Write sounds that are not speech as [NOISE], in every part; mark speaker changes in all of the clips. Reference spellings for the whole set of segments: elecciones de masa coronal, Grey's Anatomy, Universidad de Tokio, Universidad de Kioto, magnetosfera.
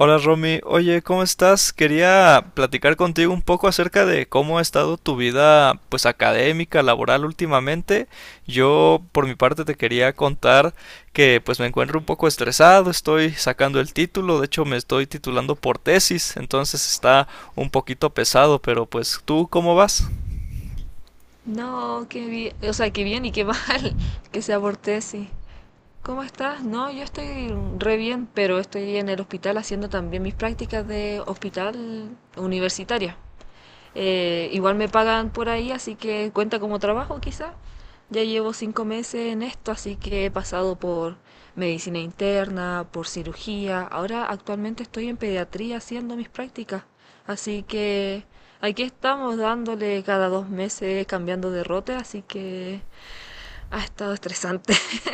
Speaker 1: Hola Romy, oye, ¿cómo estás? Quería platicar contigo un poco acerca de cómo ha estado tu vida, pues académica, laboral últimamente. Yo, por mi parte, te quería contar que pues me encuentro un poco estresado, estoy sacando el título, de hecho me estoy titulando por tesis, entonces está un poquito pesado, pero pues tú, ¿cómo vas?
Speaker 2: No, qué bien, o sea, qué bien y qué mal [LAUGHS] que se aborté, sí. ¿Cómo estás? No, yo estoy re bien, pero estoy en el hospital haciendo también mis prácticas de hospital universitaria. Igual me pagan por ahí, así que cuenta como trabajo quizá. Ya llevo cinco meses en esto, así que he pasado por medicina interna, por cirugía. Ahora actualmente estoy en pediatría haciendo mis prácticas. Así que aquí estamos dándole cada dos meses cambiando de rote, así que ha estado estresante. [LAUGHS]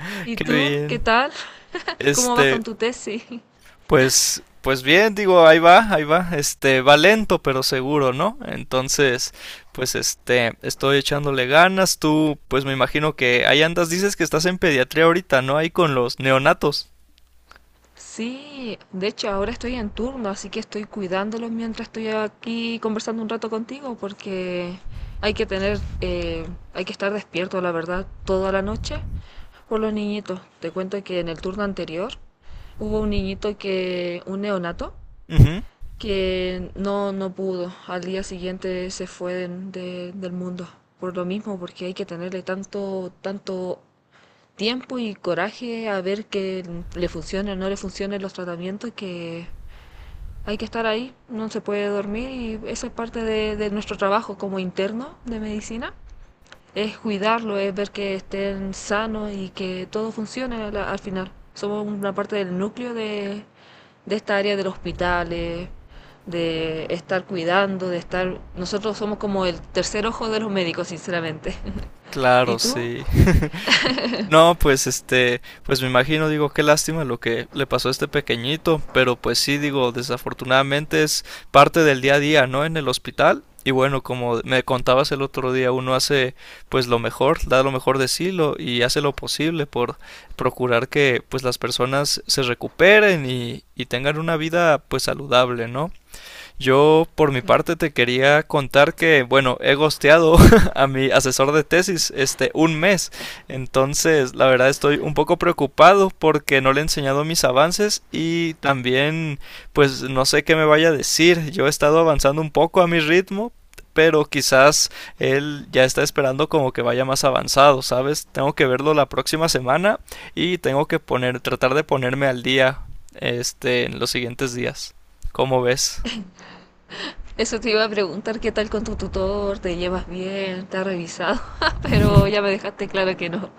Speaker 1: [LAUGHS]
Speaker 2: ¿Y
Speaker 1: Qué
Speaker 2: tú qué
Speaker 1: bien.
Speaker 2: tal? ¿Cómo vas
Speaker 1: Este,
Speaker 2: con tu tesis?
Speaker 1: Pues, pues bien, digo, ahí va, va lento pero seguro, ¿no? Entonces, pues estoy echándole ganas, tú, pues me imagino que ahí andas, dices que estás en pediatría ahorita, ¿no? Ahí con los neonatos.
Speaker 2: Sí, de hecho ahora estoy en turno, así que estoy cuidándolos mientras estoy aquí conversando un rato contigo, porque hay que tener, hay que estar despierto, la verdad, toda la noche por los niñitos. Te cuento que en el turno anterior hubo un niñito que, un neonato,
Speaker 1: Ujú.
Speaker 2: que no pudo. Al día siguiente se fue del mundo. Por lo mismo, porque hay que tenerle tanto, tanto tiempo y coraje a ver que le funcione o no le funcionen los tratamientos, que hay que estar ahí, no se puede dormir y eso es parte de nuestro trabajo como interno de medicina. Es cuidarlo, es ver que estén sanos y que todo funcione al final. Somos una parte del núcleo de esta área del hospital, de estar cuidando, de estar... Nosotros somos como el tercer ojo de los médicos, sinceramente. [LAUGHS] ¿Y
Speaker 1: Claro,
Speaker 2: tú?
Speaker 1: sí. [LAUGHS] No, pues pues me imagino, digo, qué lástima lo que le pasó a este pequeñito, pero pues sí, digo, desafortunadamente es parte del día a día, ¿no? En el hospital. Y bueno, como me contabas el otro día, uno hace pues lo mejor, da lo mejor de sí lo, y hace lo posible por procurar que pues las personas se recuperen y tengan una vida pues saludable, ¿no? Yo, por mi
Speaker 2: Claro.
Speaker 1: parte, te quería contar que, bueno, he gosteado [LAUGHS] a mi asesor de tesis este un mes. Entonces, la verdad estoy un poco preocupado porque no le he enseñado mis avances y también, pues, no sé qué me vaya a decir. Yo he estado avanzando un poco a mi ritmo, pero quizás él ya está esperando como que vaya más avanzado, ¿sabes? Tengo que verlo la próxima semana y tengo que poner, tratar de ponerme al día, en los siguientes días. ¿Cómo ves?
Speaker 2: Eso te iba a preguntar qué tal con tu tutor, te llevas bien, te ha revisado, [LAUGHS] pero ya me dejaste claro que no.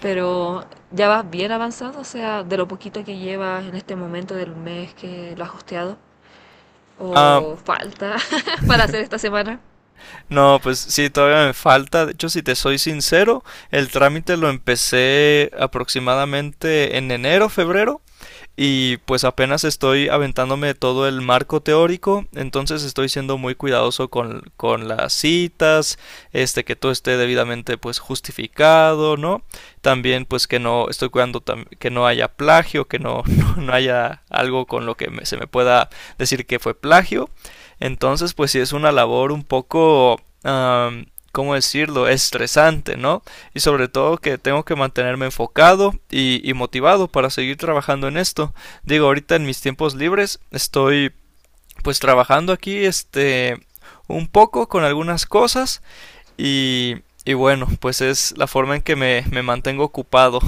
Speaker 2: Pero ya vas bien avanzado, o sea, de lo poquito que llevas en este momento del mes que lo has hosteado,
Speaker 1: Ah,
Speaker 2: o falta [LAUGHS] para hacer esta
Speaker 1: [LAUGHS]
Speaker 2: semana.
Speaker 1: no, pues sí, todavía me falta. De hecho, si te soy sincero, el trámite lo empecé aproximadamente en enero, febrero. Y pues apenas estoy aventándome todo el marco teórico, entonces estoy siendo muy cuidadoso con las citas, que todo esté debidamente pues justificado, ¿no? También pues que no estoy cuidando que no haya plagio, que no, [LAUGHS] no, no haya algo con lo que me, se me pueda decir que fue plagio. Entonces pues sí es una labor un poco... ¿cómo decirlo? Estresante, ¿no? Y sobre todo que tengo que mantenerme enfocado y, motivado para seguir trabajando en esto. Digo, ahorita en mis tiempos libres estoy pues trabajando aquí un poco con algunas cosas y, y bueno, pues es la forma en que me mantengo ocupado.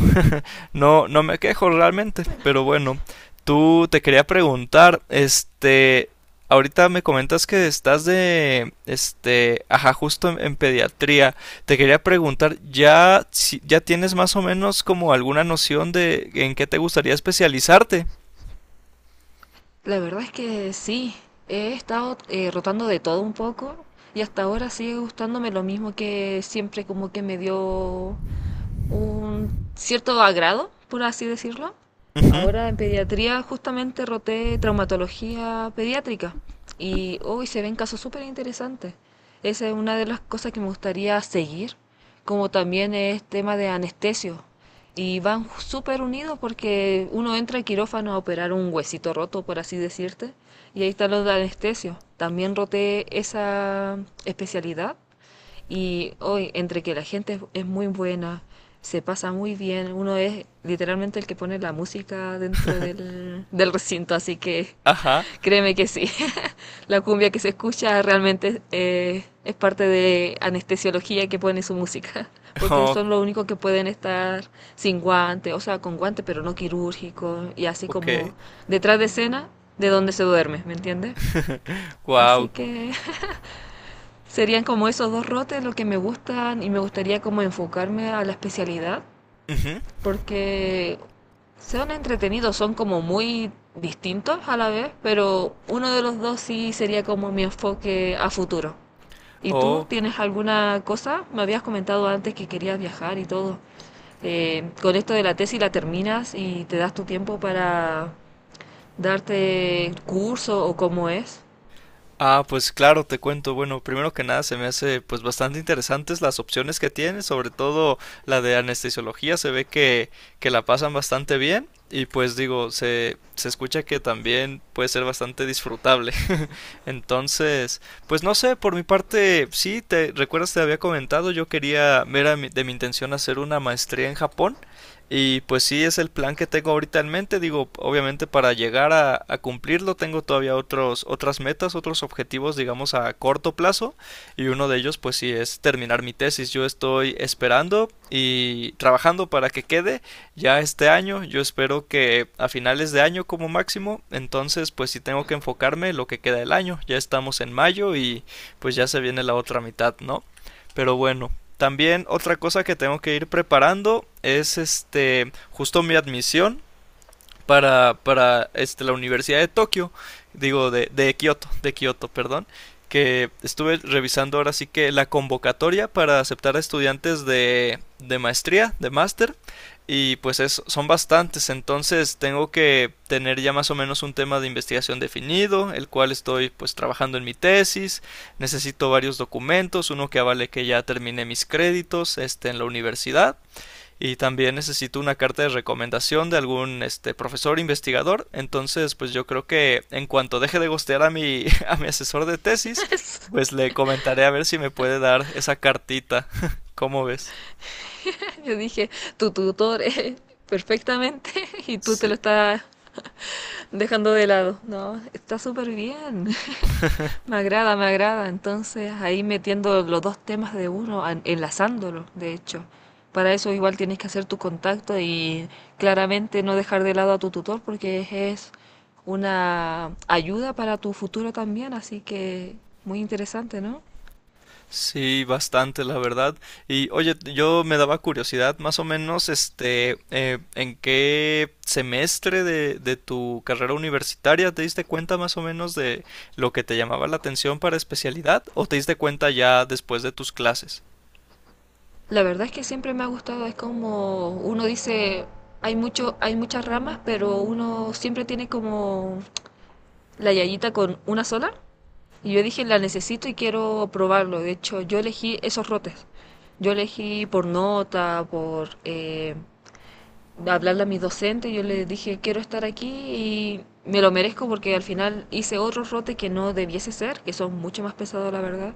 Speaker 1: No, no me quejo realmente, pero bueno, tú te quería preguntar, ahorita me comentas que estás de, ajá, justo en pediatría. Te quería preguntar, ¿ya, ya tienes más o menos como alguna noción de en qué te gustaría especializarte?
Speaker 2: La verdad es que sí, he estado rotando de todo un poco y hasta ahora sigue gustándome lo mismo que siempre como que me dio un cierto agrado, por así decirlo.
Speaker 1: Ujú.
Speaker 2: Ahora en pediatría justamente roté traumatología pediátrica y hoy se ven casos súper interesantes. Esa es una de las cosas que me gustaría seguir, como también es tema de anestesio. Y van súper unidos porque uno entra al quirófano a operar un huesito roto, por así decirte, y ahí están los de anestesio. También roté esa especialidad y hoy, entre que la gente muy buena, se pasa muy bien, uno es literalmente el que pone la música dentro del recinto, así que
Speaker 1: Ajá.
Speaker 2: créeme que sí. [LAUGHS] La cumbia que se escucha realmente es parte de anestesiología que pone su música, [LAUGHS] porque
Speaker 1: Oh,
Speaker 2: son los únicos que pueden estar sin guante, o sea, con guante, pero no quirúrgico, y así
Speaker 1: ok.
Speaker 2: como detrás de escena, de donde se duerme, ¿me entiendes?
Speaker 1: [LAUGHS]
Speaker 2: Así
Speaker 1: Wow.
Speaker 2: que serían como esos dos rotes los que me gustan y me gustaría como enfocarme a la especialidad porque son entretenidos, son como muy distintos a la vez, pero uno de los dos sí sería como mi enfoque a futuro. ¿Y tú
Speaker 1: Oh.
Speaker 2: tienes alguna cosa? Me habías comentado antes que querías viajar y todo. Con esto de la tesis la terminas y te das tu tiempo para darte curso o cómo es.
Speaker 1: Ah, pues claro, te cuento. Bueno, primero que nada se me hace pues bastante interesantes las opciones que tiene, sobre todo la de anestesiología, se ve que la pasan bastante bien y pues digo, se escucha que también puede ser bastante disfrutable. [LAUGHS] Entonces, pues no sé, por mi parte, sí, te recuerdas, te había comentado, yo quería, era de mi intención hacer una maestría en Japón. Y pues sí, es el plan que tengo ahorita en mente. Digo, obviamente para llegar a cumplirlo tengo todavía otros, otras metas, otros objetivos, digamos, a corto plazo. Y uno de ellos, pues sí, es terminar mi tesis. Yo estoy esperando y trabajando para que quede ya este año. Yo espero que a finales de año como máximo. Entonces, pues sí tengo que enfocarme en lo que queda del año. Ya estamos en mayo y pues ya se viene la otra mitad, ¿no? Pero bueno, también otra cosa que tengo que ir preparando es justo mi admisión para la Universidad de Tokio, digo, de Kioto, perdón, que estuve revisando ahora sí que la convocatoria para aceptar a estudiantes de maestría, de máster, y pues es, son bastantes, entonces tengo que tener ya más o menos un tema de investigación definido, el cual estoy pues trabajando en mi tesis, necesito varios documentos, uno que avale que ya terminé mis créditos en la universidad, y también necesito una carta de recomendación de algún profesor investigador. Entonces, pues yo creo que en cuanto deje de gostear a mi, [LAUGHS] a mi asesor de tesis,
Speaker 2: [LAUGHS]
Speaker 1: pues le comentaré a ver si me puede dar esa cartita. [LAUGHS] ¿Cómo ves?
Speaker 2: [LAUGHS] Yo dije, tu tutor es perfectamente [LAUGHS] y tú te lo
Speaker 1: Sí.
Speaker 2: estás dejando de lado. No, está súper bien. [LAUGHS]
Speaker 1: [LAUGHS]
Speaker 2: Me agrada, me agrada. Entonces ahí metiendo los dos temas de uno, enlazándolo, de hecho. Para eso igual tienes que hacer tu contacto y claramente no dejar de lado a tu tutor porque es una ayuda para tu futuro también. Así que muy interesante, ¿no?
Speaker 1: Sí, bastante, la verdad. Y oye, yo me daba curiosidad, más o menos, ¿en qué semestre de tu carrera universitaria te diste cuenta más o menos de lo que te llamaba la atención para especialidad? ¿O te diste cuenta ya después de tus clases?
Speaker 2: La verdad es que siempre me ha gustado, es como uno dice, hay mucho, hay muchas ramas, pero uno siempre tiene como la yayita con una sola. Y yo dije, la necesito y quiero probarlo. De hecho, yo elegí esos rotes. Yo elegí por nota, por hablarle a mis docentes, yo les dije, quiero estar aquí y me lo merezco porque al final hice otros rotes que no debiese ser, que son mucho más pesados, la verdad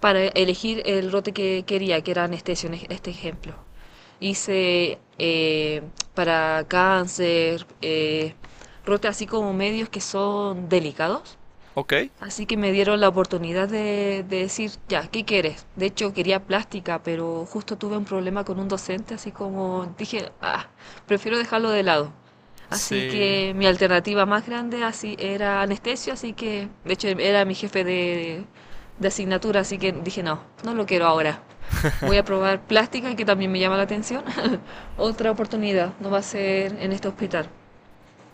Speaker 2: para elegir el rote que quería, que era anestesio, en este ejemplo. Hice para cáncer, rote así como medios que son delicados.
Speaker 1: ¿Ok?
Speaker 2: Así que me dieron la oportunidad de decir, ya, ¿qué quieres? De hecho, quería plástica, pero justo tuve un problema con un docente, así como dije, ah, prefiero dejarlo de lado. Así
Speaker 1: Sí,
Speaker 2: que mi alternativa más grande así era anestesio, así que, de hecho, era mi jefe de asignatura, así que dije, no lo quiero ahora. Voy a
Speaker 1: [LAUGHS]
Speaker 2: probar plástica, que también me llama la atención. [LAUGHS] Otra oportunidad, no va a ser en este hospital.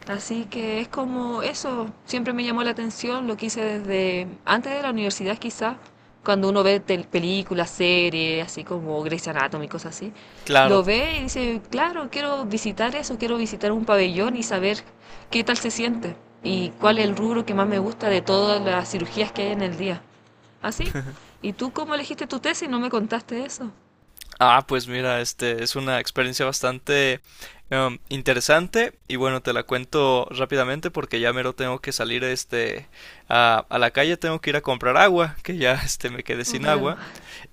Speaker 2: Así que es como eso, siempre me llamó la atención, lo quise desde antes de la universidad quizás, cuando uno ve películas, series, así como Grey's Anatomy, cosas así,
Speaker 1: claro.
Speaker 2: lo ve y dice, claro, quiero visitar eso, quiero visitar un pabellón y saber qué tal se siente y cuál es el rubro que más me gusta de todas las cirugías que hay en el día. Así. ¿Y tú cómo elegiste tu tesis? No me contaste eso.
Speaker 1: Ah, pues mira, este es una experiencia bastante interesante y bueno, te la cuento rápidamente porque ya mero tengo que salir a la calle, tengo que ir a comprar agua, que ya [LAUGHS] me quedé
Speaker 2: Oh,
Speaker 1: sin
Speaker 2: claro.
Speaker 1: agua.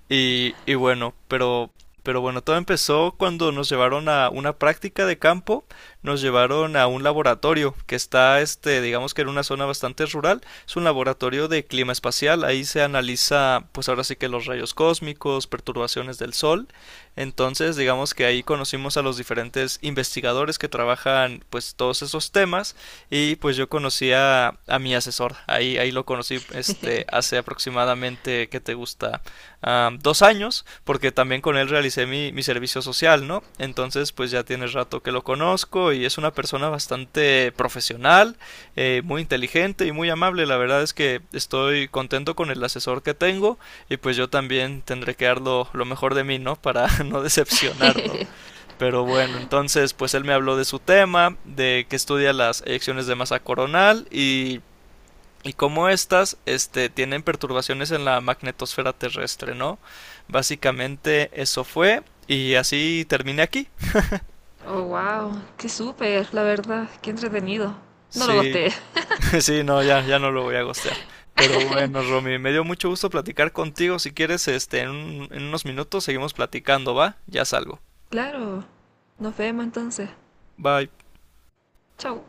Speaker 1: Y bueno, pero bueno, todo empezó cuando nos llevaron a una práctica de campo, nos llevaron a un laboratorio que está, digamos que en una zona bastante rural, es un laboratorio de clima espacial, ahí se analiza, pues ahora sí que los rayos cósmicos, perturbaciones del sol, entonces digamos que ahí conocimos a los diferentes investigadores que trabajan, pues todos esos temas, y pues yo conocí a mi asesor, ahí, ahí lo conocí, hace aproximadamente, ¿qué te gusta? Dos años, porque también con él realicé mi, mi servicio social, ¿no? Entonces, pues ya tiene rato que lo conozco y es una persona bastante profesional, muy inteligente y muy amable. La verdad es que estoy contento con el asesor que tengo y pues yo también tendré que dar lo mejor de mí, ¿no? Para [LAUGHS] no decepcionarlo. Pero bueno, entonces, pues él me habló de su tema, de que estudia las elecciones de masa coronal y cómo estas tienen perturbaciones en la magnetosfera terrestre, ¿no? Básicamente eso fue y así terminé aquí.
Speaker 2: Oh, wow. Qué súper, la verdad. Qué entretenido. No lo
Speaker 1: Sí,
Speaker 2: gosté.
Speaker 1: [LAUGHS] sí, no, ya, ya no lo voy a gostear. Pero bueno, Romy, me dio mucho gusto platicar contigo. Si quieres, en, en unos minutos seguimos platicando, ¿va? Ya salgo.
Speaker 2: Claro, nos vemos entonces.
Speaker 1: Bye.
Speaker 2: Chau.